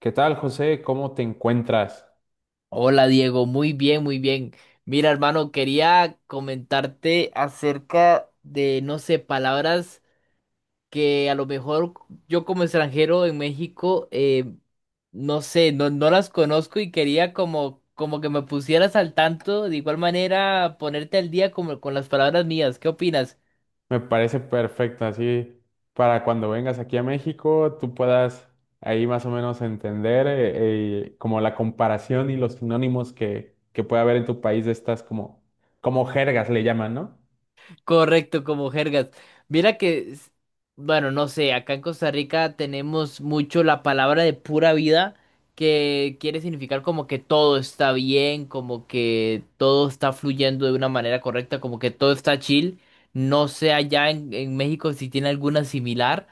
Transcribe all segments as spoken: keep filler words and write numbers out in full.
¿Qué tal, José? ¿Cómo te encuentras? Hola Diego, muy bien, muy bien. Mira, hermano, quería comentarte acerca de, no sé, palabras que a lo mejor yo como extranjero en México, eh, no sé, no, no las conozco y quería como, como que me pusieras al tanto, de igual manera ponerte al día como con las palabras mías. ¿Qué opinas? Me parece perfecto, así para cuando vengas aquí a México, tú puedas ahí más o menos entender eh, eh, como la comparación y los sinónimos que, que puede haber en tu país de estas como, como jergas le llaman, ¿no? Correcto, como jergas. Mira que, s- bueno, no sé, acá en Costa Rica tenemos mucho la palabra de pura vida, que quiere significar como que todo está bien, como que todo está fluyendo de una manera correcta, como que todo está chill. No sé allá en, en México si tiene alguna similar.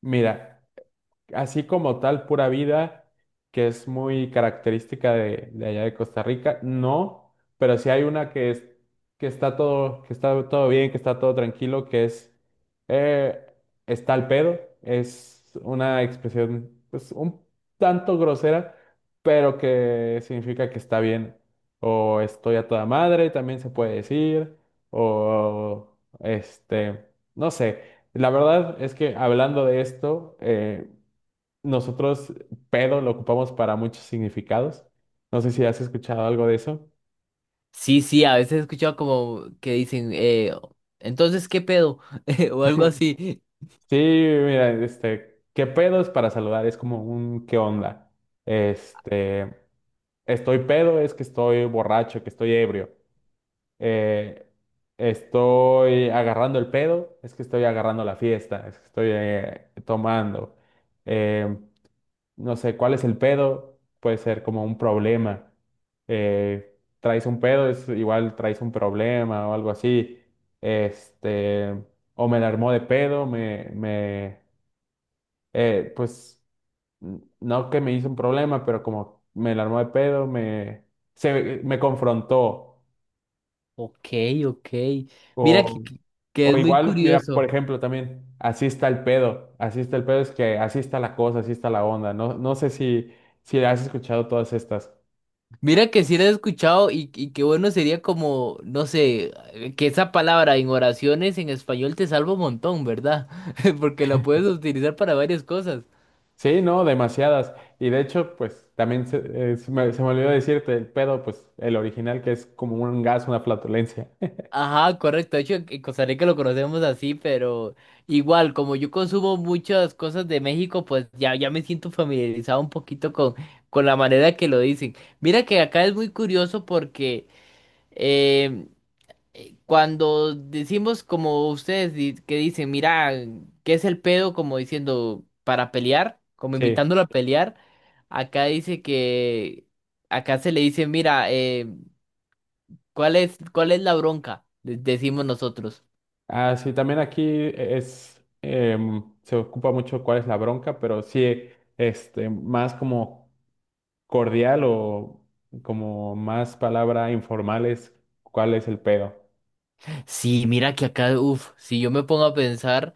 Mira, así como tal, pura vida, que es muy característica de, de allá de Costa Rica, no, pero sí hay una que es, que está todo, que está todo bien, que está todo tranquilo, que es eh, está al pedo, es una expresión pues un tanto grosera, pero que significa que está bien, o estoy a toda madre, también se puede decir, o este, no sé. La verdad es que hablando de esto, eh, nosotros pedo lo ocupamos para muchos significados. No sé si has escuchado algo de eso. Sí, sí, a veces he escuchado como que dicen, eh, entonces, ¿qué pedo? O algo así. Sí, mira, este, qué pedo es para saludar, es como un qué onda. Este, estoy pedo es que estoy borracho, que estoy ebrio. Eh, Estoy agarrando el pedo, es que estoy agarrando la fiesta, es que estoy eh, tomando. Eh, no sé, ¿cuál es el pedo? Puede ser como un problema. Eh, traes un pedo, es igual traes un problema o algo así. Este, o me la armó de pedo, me, me, eh, pues, n- no que me hizo un problema, pero como me la armó de pedo, me, se, me confrontó. Ok, ok. Mira que, O, que que o es muy igual, mira, por curioso. ejemplo, también, así está el pedo, así está el pedo, es que así está la cosa, así está la onda. No, no sé si, si has escuchado todas estas. Mira que si lo he escuchado y, y qué bueno sería como, no sé, que esa palabra en oraciones en español te salva un montón, ¿verdad? Porque la puedes utilizar para varias cosas. Sí, no, demasiadas. Y de hecho, pues también se, eh, se me, se me olvidó decirte, el pedo, pues el original que es como un gas, una flatulencia. Ajá, correcto. De hecho, en Costa Rica lo conocemos así, pero igual, como yo consumo muchas cosas de México, pues ya, ya me siento familiarizado un poquito con, con la manera que lo dicen. Mira que acá es muy curioso porque em, eh, cuando decimos como ustedes di- que dicen, mira, ¿qué es el pedo? Como diciendo, para pelear, como Sí. invitándolo a pelear. Acá dice que, acá se le dice, mira, eh, ¿cuál es, cuál es la bronca? de- Decimos nosotros. Ah, sí, también aquí es, em, se ocupa mucho cuál es la bronca, pero sí, este, más como cordial o como más palabra informal es cuál es el pedo. Sí, mira que acá, uff, si yo me pongo a pensar,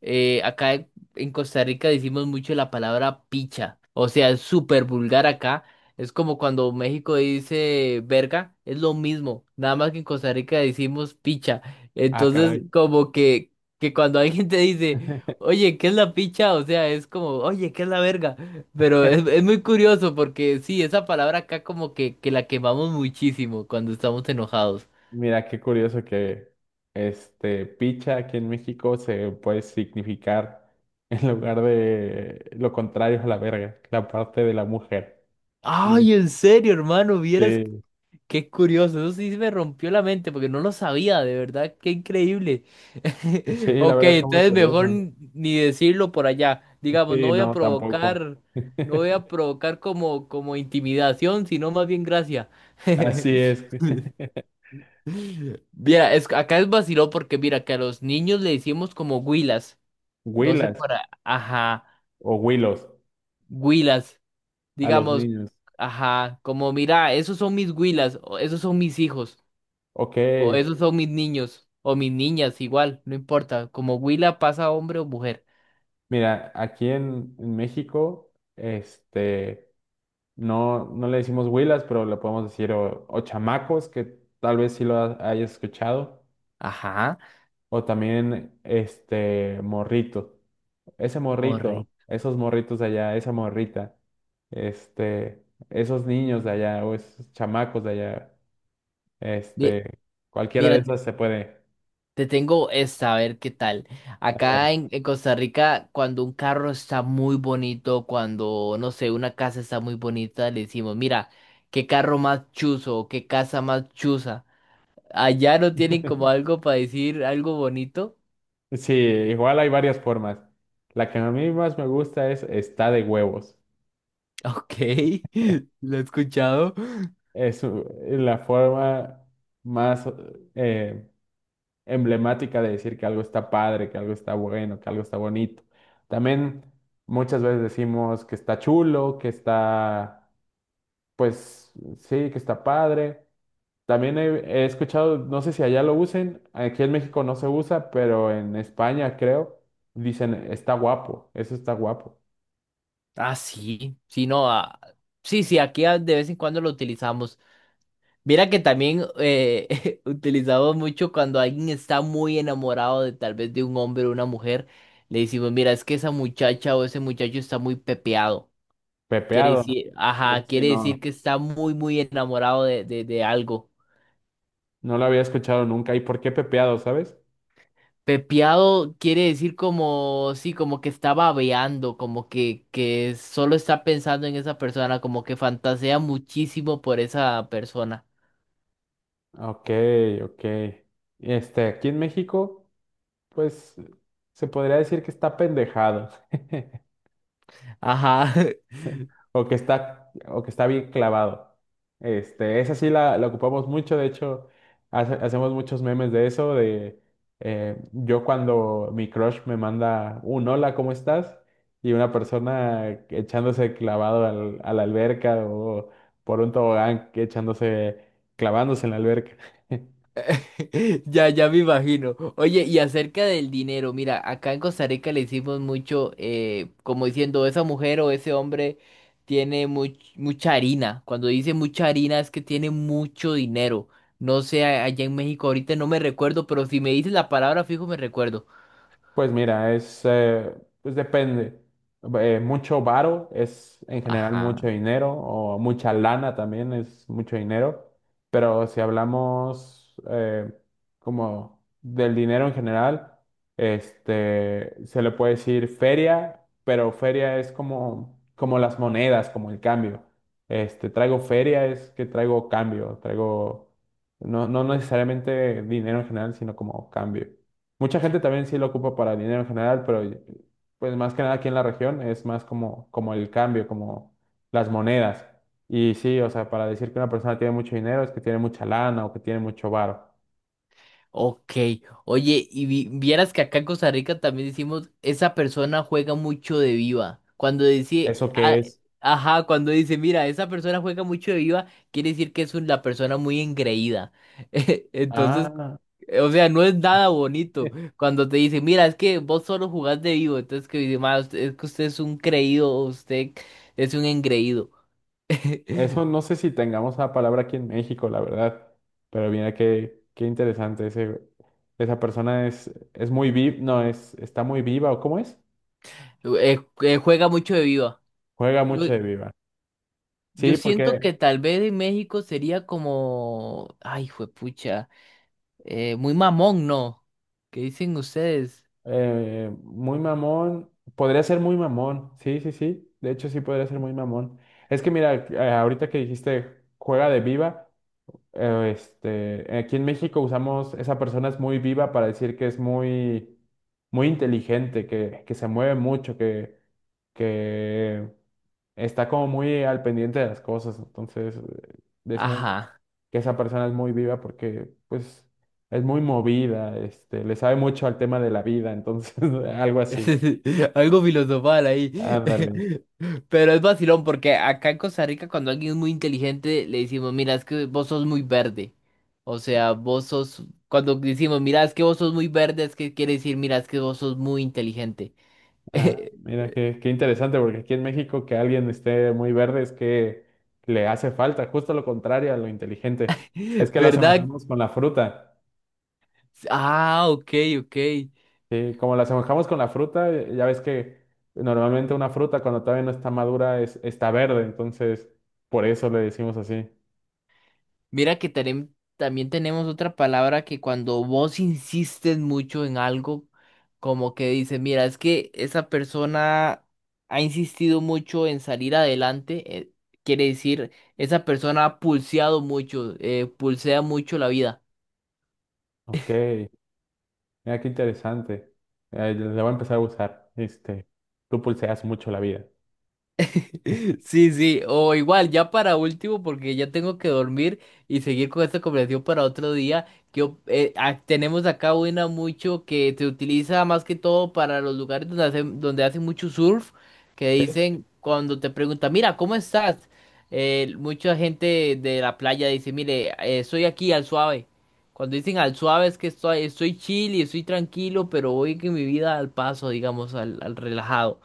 eh, acá en en Costa Rica decimos mucho la palabra picha, o sea, es súper vulgar acá, es como cuando México dice verga, es lo mismo, nada más que en Costa Rica decimos picha, Ah, entonces caray. como que, que cuando alguien te dice, oye, ¿qué es la picha? O sea, es como, oye, ¿qué es la verga? Pero es, es muy curioso porque sí, esa palabra acá como que, que la quemamos muchísimo cuando estamos enojados. Mira, qué curioso que este picha aquí en México se puede significar en lugar de lo contrario a la verga, la parte de la mujer. Eh, Ay, en serio, hermano, vieras Sí, qué curioso. Eso sí me rompió la mente porque no lo sabía, de verdad, qué increíble. sí, la Ok, verdad está muy entonces mejor curioso. n- ni decirlo por allá. Digamos, no Sí, voy a no, tampoco. provocar, no voy a provocar como, como intimidación, sino más bien gracia. Así es. Mira, es, acá es vaciló porque mira que a los niños le decimos como huilas. No sé Huilas para, ajá, o huilos huilas. a los Digamos, niños. ajá, como mira, esos son mis huilas, o esos son mis hijos, Ok, o esos son mis niños, o mis niñas, igual, no importa. Como huila pasa hombre o mujer. mira, aquí en, en México, este, no, no le decimos huilas, pero le podemos decir o, o chamacos, que tal vez sí lo ha- hayas escuchado, Ajá, o también este morrito. Ese morrito, morri. esos morritos de allá, esa morrita, este, esos niños de allá, o esos chamacos de allá, Mi- este, cualquiera de Mira, te esas se puede. te tengo esta, a ver qué tal. Saber. Acá en, en Costa Rica, cuando un carro está muy bonito, cuando, no sé, una casa está muy bonita, le decimos, mira, qué carro más chuzo, o qué casa más chuza. Allá no tienen como algo para decir algo bonito. Sí, igual hay varias formas. La que a mí más me gusta es está de huevos. Ok, lo he escuchado. Es u- la forma más eh, emblemática de decir que algo está padre, que algo está bueno, que algo está bonito. También muchas veces decimos que está chulo, que está, pues sí, que está padre. También he, he escuchado, no sé si allá lo usen, aquí en México no se usa, pero en España creo, dicen está guapo, eso está guapo. Ah, sí, sí, no, ah, sí, sí, aquí ah, de vez en cuando lo utilizamos. Mira que también eh, utilizamos mucho cuando alguien está muy enamorado de tal vez de un hombre o una mujer, le decimos, mira, es que esa muchacha o ese muchacho está muy pepeado. Quiere Pepeado. decir, Eso ajá, sí, quiere no. decir que está muy, muy enamorado de, de, de algo. No lo había escuchado nunca. ¿Y por qué pepeado, sabes? Pepeado quiere decir como, sí, como que está babeando, como que, que solo está pensando en esa persona, como que fantasea muchísimo por esa persona. Ok, ok. Este, aquí en México, pues se podría decir que está pendejado Ajá, o que está o que está bien clavado. Este, esa sí la, la ocupamos mucho, de hecho, hace- hacemos muchos memes de eso, de eh, yo cuando mi crush me manda un hola, ¿cómo estás? Y una persona echándose clavado al- a la alberca o por un tobogán que echándose, clavándose en la alberca. ya, ya me imagino. Oye, y acerca del dinero, mira, acá en Costa Rica le hicimos mucho, eh, como diciendo, esa mujer o ese hombre tiene much- mucha harina. Cuando dice mucha harina es que tiene mucho dinero. No sé, a- allá en México ahorita no me recuerdo, pero si me dices la palabra fijo me recuerdo. Pues mira, es, eh, pues depende. Eh, mucho varo es en general mucho Ajá. dinero, o mucha lana también es mucho dinero, pero si hablamos eh, como del dinero en general, este, se le puede decir feria, pero feria es como, como las monedas, como el cambio. Este, traigo feria es que traigo cambio, traigo no, no necesariamente dinero en general, sino como cambio. Mucha gente también sí lo ocupa para el dinero en general, pero pues más que nada aquí en la región es más como, como el cambio, como las monedas. Y sí, o sea, para decir que una persona tiene mucho dinero es que tiene mucha lana o que tiene mucho varo. Ok. Oye, y vi- vieras que acá en Costa Rica también decimos, esa persona juega mucho de viva. Cuando dice, ¿Eso ah, qué es? ajá, cuando dice, mira, esa persona juega mucho de viva, quiere decir que es una persona muy engreída. Entonces, Ah, o sea, no es nada bonito. Cuando te dicen, mira, es que vos solo jugás de vivo. Entonces, que dice, "Ma, usted- es que usted es un creído, usted es un engreído. eso no sé si tengamos la palabra aquí en México, la verdad. Pero mira qué, qué interesante ese, esa persona es, es muy viva, no, es, está muy viva, ¿o cómo es? Eh, eh, juega mucho de viva. Juega mucho de viva. Yo Sí, siento porque que tal vez en México sería como, ay, juepucha, eh, muy mamón, ¿no? ¿Qué dicen ustedes? eh, muy mamón. Podría ser muy mamón. Sí, sí, sí. De hecho, sí podría ser muy mamón. Es que mira, eh, ahorita que dijiste juega de viva, eh, este, aquí en México usamos esa persona es muy viva para decir que es muy, muy inteligente, que, que se mueve mucho, que, que está como muy al pendiente de las cosas. Entonces, eh, decimos Ajá. que esa persona es muy viva porque pues es muy movida, este, le sabe mucho al tema de la vida, entonces algo así. Algo filosofal ahí. Ándale. Pero es vacilón porque acá en Costa Rica cuando alguien es muy inteligente le decimos, mira, es que vos sos muy verde. O sea, vos sos, cuando decimos, mira, es que vos sos muy verde, es que quiere decir, mira, es que vos sos muy inteligente. Ah, mira, qué, qué interesante, porque aquí en México que alguien esté muy verde es que le hace falta, justo lo contrario a lo inteligente. Es que lo ¿Verdad? asemejamos con la fruta. Ah, ok, ok. Sí, como la asemejamos con la fruta, eh, ya ves que normalmente una fruta cuando todavía no está madura es, está verde, entonces por eso le decimos así. Mira que tenem- también tenemos otra palabra que cuando vos insistes mucho en algo, como que dices, mira, es que esa persona ha insistido mucho en salir adelante, eh, quiere decir, esa persona ha pulseado mucho, eh, pulsea mucho la vida. Ok. Mira, qué interesante. Eh, la voy a empezar a usar. Este, tú pulseas mucho la vida. Sí, sí, o igual, ya para último, porque ya tengo que dormir y seguir con esta conversación para otro día. Yo, eh, ah, tenemos acá una mucho que se utiliza más que todo para los lugares donde hacen, donde hacen mucho surf, que dicen cuando te preguntan, mira, ¿cómo estás? Eh, mucha gente de la playa dice, mire, eh, estoy aquí al suave. Cuando dicen al suave es que estoy, estoy chill y estoy tranquilo, pero voy que mi vida al paso, digamos, al, al relajado.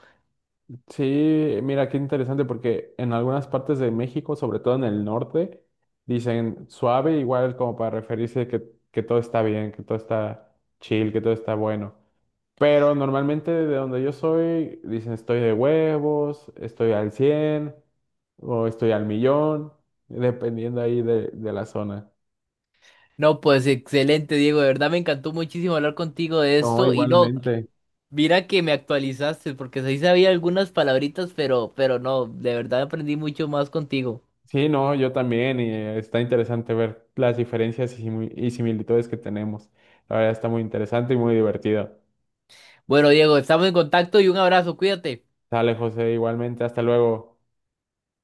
Sí, mira, qué interesante porque en algunas partes de México, sobre todo en el norte, dicen suave igual como para referirse que, que todo está bien, que todo está chill, que todo está bueno. Pero normalmente de donde yo soy, dicen estoy de huevos, estoy al cien o estoy al millón, dependiendo ahí de, de la zona. No, pues excelente, Diego. De verdad me encantó muchísimo hablar contigo de No, esto. Y no, igualmente. mira que me actualizaste, porque sí sabía algunas palabritas, pero, pero no, de verdad aprendí mucho más contigo. Sí, no, yo también, y eh, está interesante ver las diferencias y simi- y similitudes que tenemos. La verdad está muy interesante y muy divertido. Bueno, Diego, estamos en contacto y un abrazo, cuídate. Sale, José, igualmente, hasta luego.